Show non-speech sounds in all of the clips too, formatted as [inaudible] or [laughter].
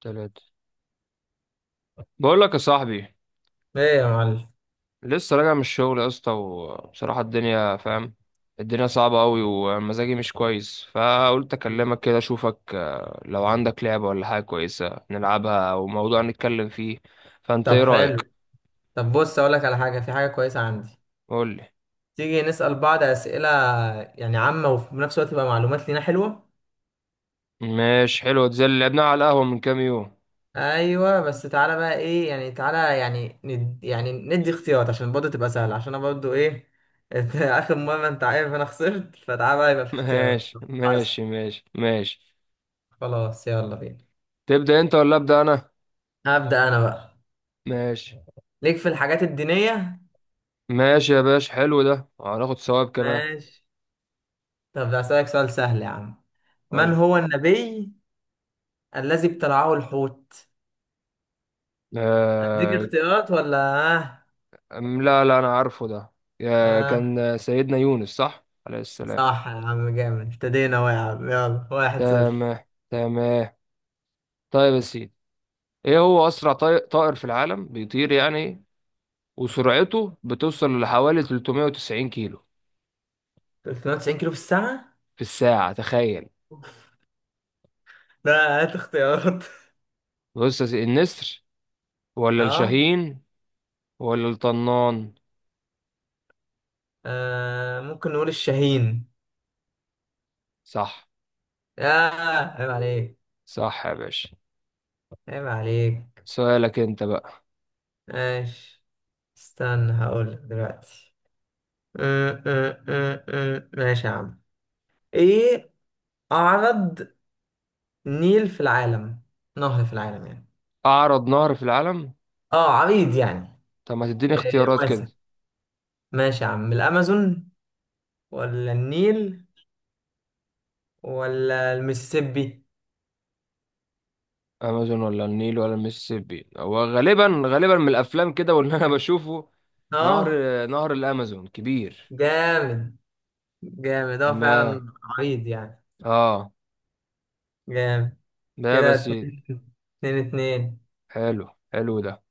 تلاتة. بقول لك يا صاحبي، ايه يا معلم. لسه راجع من الشغل يا اسطى، وبصراحة الدنيا فاهم الدنيا صعبة أوي، ومزاجي مش كويس، فقلت أكلمك كده أشوفك. لو عندك لعبة ولا حاجة كويسة نلعبها، أو موضوع نتكلم فيه. فأنت طب إيه رأيك؟ حلو، طب بص اقول لك على حاجه، في حاجه كويسه عندي. قولي. تيجي نسال بعض اسئله يعني عامه، وفي نفس الوقت تبقى معلومات لينا حلوه. ماشي، حلوة دي زي اللي لعبناها على القهوة من كام يوم. ايوه بس تعالى بقى، ايه يعني، تعالى يعني ند يعني ندي اختيارات، عشان برضه تبقى سهله، عشان انا برضه ايه. [laughs] إنت اخر مره انت عارف انا خسرت، فتعالى بقى يبقى [laughs] في اختيارات. ماشي عسل، ماشي ماشي ماشي. خلاص يلا بينا. تبدأ أنت ولا أبدأ أنا؟ هبدا انا بقى. ماشي. ليك في الحاجات الدينيه؟ ماشي يا باشا، حلو ده، هناخد ثواب كمان. ماشي. طب هسألك سؤال سهل يا عم، من قولي. هو النبي الذي ابتلعه الحوت؟ اديك آه. اختيارات ولا؟ اه لا لا، أنا عارفه ده. اه. كان سيدنا يونس، صح، عليه السلام. صح يا عم، جامد، ابتدينا اهو يا عم، يلا واحد صفر. تمام تمام. طيب يا سيدي، إيه هو أسرع طائر في العالم بيطير يعني، وسرعته بتوصل لحوالي 390 كيلو 390 كيلو في الساعة؟ في الساعة؟ تخيل. لا هات اختيارات. [laughs] بص يا سيدي، النسر، ولا اه. الشاهين، ولا الطنان؟ ممكن نقول الشاهين. صح. اه. عيب عليك. صح يا باشا. عيب عليك. سؤالك أنت بقى. ماشي، استنى هقول لك دلوقتي. أم، أم، أم، أم. ماشي يا عم. ايه؟ اعرض نيل في العالم نهر في العالم يعني. أعرض نهر في العالم. اه عريض يعني. طب ما تديني إيه اختيارات كده. واسع. ماشي يا عم، الامازون ولا النيل ولا المسيسيبي؟ امازون ولا النيل ولا المسيسيبي؟ هو غالبا غالبا من الافلام كده، واللي انا [laughs] بشوفه، نهر اه، نهر الامازون كبير. جامد جامد، اه تمام. فعلا عريض يعني. اه. جامد. ده كده بس. اتنين اتنين اتنين. حلو. حلو ده.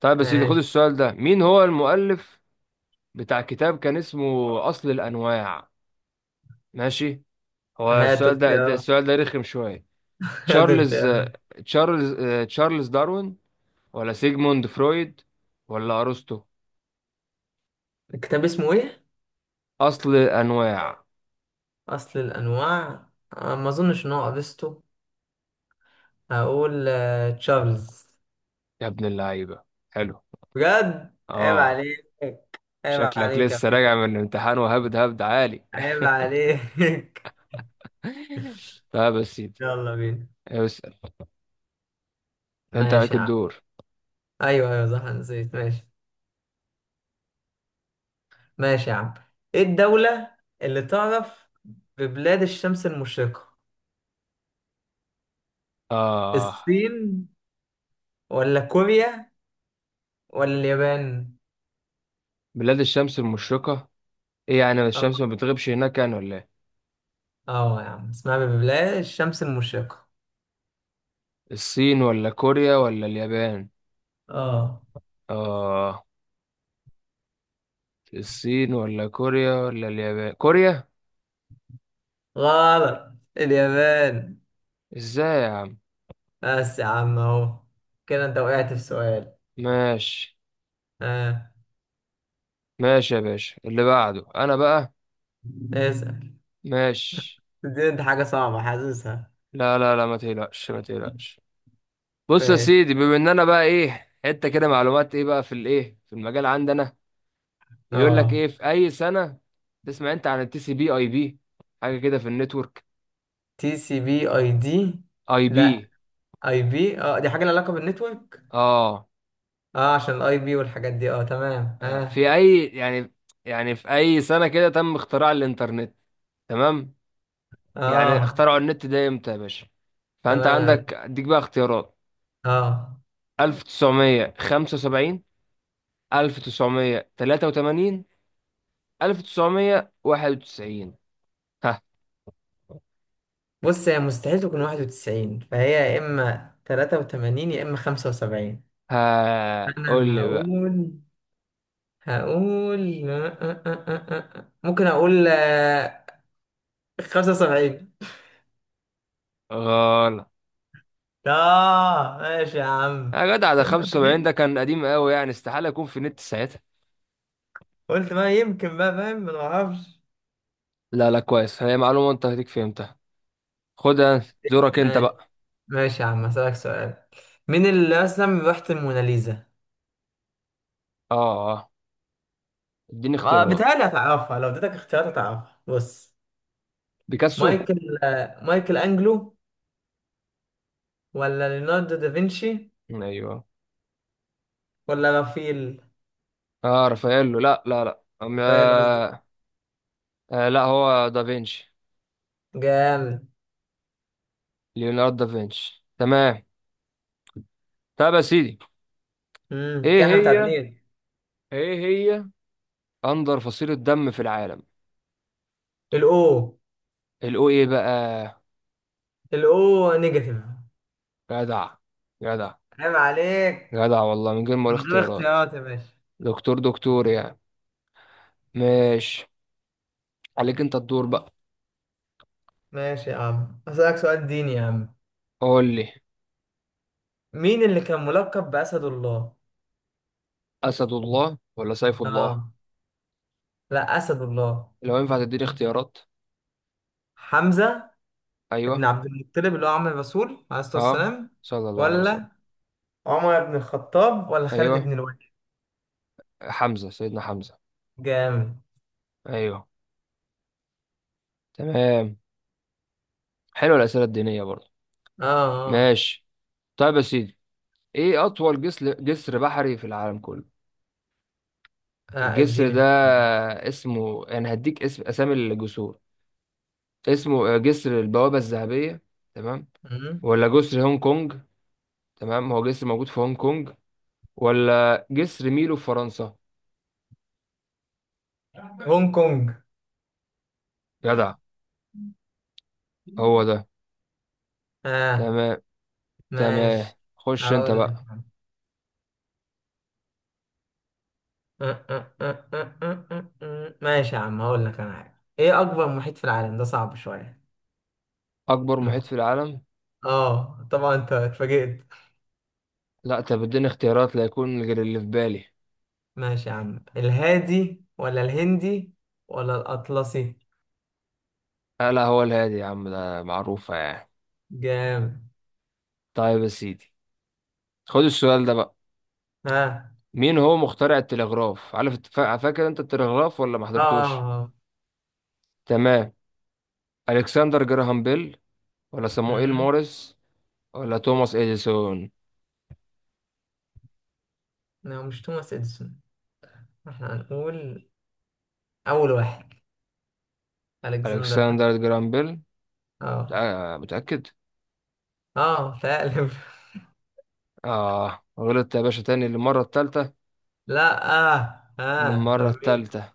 طيب، بس خد ماشي السؤال ده. مين هو المؤلف بتاع كتاب كان اسمه اصل الانواع؟ ماشي. هات ده اختيار. [laughs] السؤال ده رخم شويه. هات تشارلز اختيار. تشارلز تشارلز داروين، ولا سيجموند فرويد، ولا ارسطو؟ الكتاب اسمه ايه؟ اصل الانواع. اصل الانواع. ما اظنش ان هو افسطو. هقول تشارلز. يا ابن اللعيبه. حلو. بجد عيب اه. عليك. عيب شكلك عليك يا لسه باشا. راجع من امتحان، وهبد هبد عالي. عيب عليك. [laughs] [laughs] طيب يا سيدي، يلا بينا. اسأل. انت عليك ماشي يا عم. الدور. ايوه ايوه صح أنا نسيت. ماشي ماشي يا عم. ايه الدولة اللي تعرف ببلاد الشمس المشرقة؟ اه. الصين ولا كوريا ولا اليابان؟ بلاد الشمس المشرقة. ايه يعني الشمس ما اه. بتغيبش هناك يعني ولا ايه؟ آه يا عم اسمها ببلاد الشمس المشرقة. الصين ولا كوريا ولا اليابان؟ اه. اه. الصين ولا كوريا ولا اليابان، كوريا. غلط، اليابان. ازاي يا عم؟ بس يا عم اهو، كده انت وقعت في سؤال. ماشي. اه. ماشي يا باشا، اللي بعده انا بقى. اسأل. ماشي. دي انت حاجة صعبة حاسسها. لا لا لا، ما تقلقش ما تقلقش. بص يا ماشي. سيدي، بما ان انا بقى ايه، حته كده معلومات، ايه بقى، في الايه، في المجال عندنا، يقول لك اه. ايه، في اي سنه. تسمع انت عن التي سي بي اي بي؟ حاجه كده في النتورك. تي سي بي اي دي؟ اي بي، لا. اي بي، اه دي حاجة لها علاقة بالنتورك. اه. اه، عشان الاي بي والحاجات دي، اه تمام اه. في اي يعني، يعني في اي سنه كده تم اختراع الانترنت؟ تمام. يعني اه. اخترعوا النت ده امتى يا باشا؟ فانت تمام يا عندك باشا. اديك بقى اختيارات. اه 1975، 1983، 1991. ها. بص، هي مستحيل تكون 91، فهي يا اما 83 يا اما 75. ها، قول انا لي. هقول، هقول [laughs] ممكن اقول 75. غلط. اه ماشي يا عم. يا جدع، ده 75 ده 83. كان قديم قوي، يعني استحالة يكون في النت ساعتها. قلت ما يمكن بقى، فاهم، ما نعرفش. لا لا، كويس. هي معلومة انت هديك، فهمتها، خدها. دورك انت ماشي. بقى. ماشي يا عم هسألك سؤال، مين اللي رسم لوحة الموناليزا؟ اه اه، اديني ما اختيارات. بتهيألي هتعرفها، لو اديتك اختيارات هتعرفها. بص، بيكاسو. مايكل انجلو، ولا ليوناردو دافنشي، ايوه. ولا رافيل. اه رافاييلو، لا لا لا، رافائيل قصدي. آه. آه، لا هو دافينشي. جامد. ليوناردو دافينشي. تمام. طب يا سيدي، ايه كده احنا هي متعادلين. ايه هي اندر فصيلة دم في العالم؟ الاو. الاو. ايه بقى؟ الاو نيجاتيف. جدع جدع. عيب عليك. جدع والله، من غير ما اقول من غير اختيارات. اختيارات يا باشا. دكتور دكتور يعني. ماشي. عليك انت الدور بقى. ماشي يا عم هسألك سؤال ديني يا عم. قول لي. مين اللي كان ملقب بأسد الله؟ اسد الله ولا سيف الله؟ اه. لا أسد الله. لو ينفع تديني اختيارات. حمزة ابن ايوه. عبد المطلب اللي هو عم الرسول عليه الصلاة اه. والسلام. صلى الله عليه وسلم. ولا عمر بن الخطاب ولا خالد ايوه، بن الوليد. حمزه، سيدنا حمزه. جامد. ايوه. تمام. حلوه الاسئله الدينيه برضه. اه اه. ماشي. طيب يا سيدي، ايه اطول جسر بحري في العالم كله؟ الجسر اديني ده اختيار. اسمه، انا هديك اسم، اسامي الجسور. اسمه جسر البوابه الذهبيه، تمام، مم. ولا جسر هونج كونج، تمام، هو جسر موجود في هونج كونج، ولا جسر ميلو في فرنسا؟ هونج كونج. جدع. هو ده. اه. تمام. تمام. ماشي. خش انت هقول لك. بقى. ماشي يا عم هقول لك انا حاجه، ايه اكبر محيط في العالم؟ ده صعب شويه. اكبر محيط محيط. في العالم. اه طبعا انت اتفاجئت. لا، انت بتديني اختيارات لا يكون غير اللي في بالي. ماشي يا عم، الهادي ولا الهندي ولا الاطلسي. آه، لا هو الهادي يا عم، ده معروفة يعني. جامد. طيب يا سيدي، خد السؤال ده بقى. ها مين هو مخترع التلغراف؟ عارف فاكر انت التلغراف ولا ما اه اه حضرتوش؟ آه. تمام. الكسندر جراهام بيل، ولا صموئيل مم. موريس، ولا توماس اديسون؟ لا مش توماس اديسون، احنا هنقول اول واحد، الكسندر حاجه. الكسندر جراهام بيل. اه. آه متأكد. اه فعلا. اه غلطت يا باشا تاني للمرة التالتة. [laughs] لا للمرة طب مين؟ التالتة.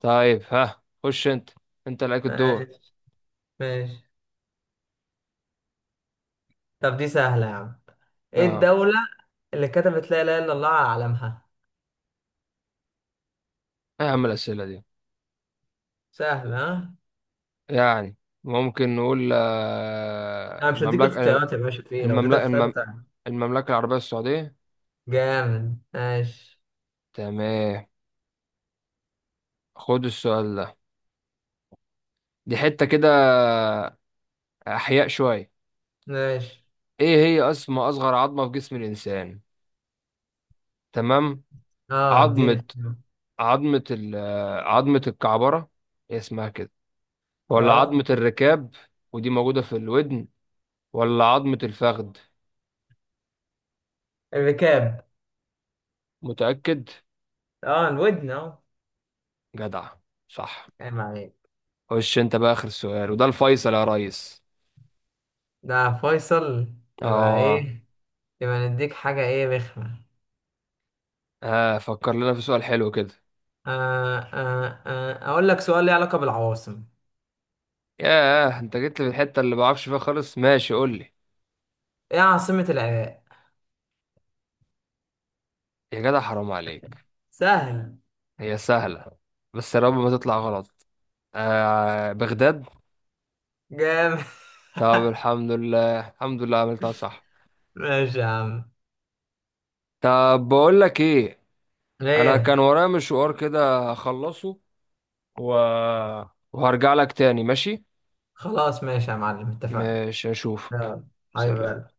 طيب ها، خش انت. انت اللي عليك الدور. ماشي ماشي. طب دي سهله يا عم، ايه اه. الدوله اللي كتبت لا اله الا الله على علمها؟ ايه يا عم الأسئلة دي سهله، ها. يعني؟ ممكن نقول انا مش هديك اختيارات يا باشا في إيه؟ لو اديتك المملكة اختيارات المم- هتعرف. المملكة العربية السعودية. جامد ماشي. تمام. خد السؤال ده، دي حتة كده أحياء شوية. ماشي. ايه هي اسم أصغر عظمة في جسم الإنسان؟ تمام. اه اديني عظمة اختيار. عظمة ال- آه، عظمة الكعبرة، هي اسمها كده، ولا عظمة اه. الركاب، ودي موجودة في الودن، ولا عظمة الفخذ؟ الركاب. متأكد. اه الودن اه. جدع. صح. عيب عليك. خش انت بقى آخر سؤال، وده الفيصل يا ريس. ده فيصل. يبقى اه. ايه، يبقى نديك حاجه ايه رخمه. اه، فكر لنا في سؤال حلو كده. اقول لك سؤال ليه علاقة بالعواصم. ياه، انت جيت لي في الحتة اللي بعرفش فيها خالص. ماشي، قول لي. ايه عاصمة العراق؟ يا جدع، حرام عليك. سهل. هي سهلة، بس يا رب ما تطلع غلط. آه، بغداد. جامد. طب [laughs] الحمد لله الحمد لله، عملتها صح. ماشي يا عم. طب بقول لك ايه. انا كان ليه؟ ورايا مشوار كده اخلصه. و... وهرجع لك تاني، ماشي. خلاص ماشي يا معلم، اتفقنا. مش هشوفك. يلا. سلام. حبيبي.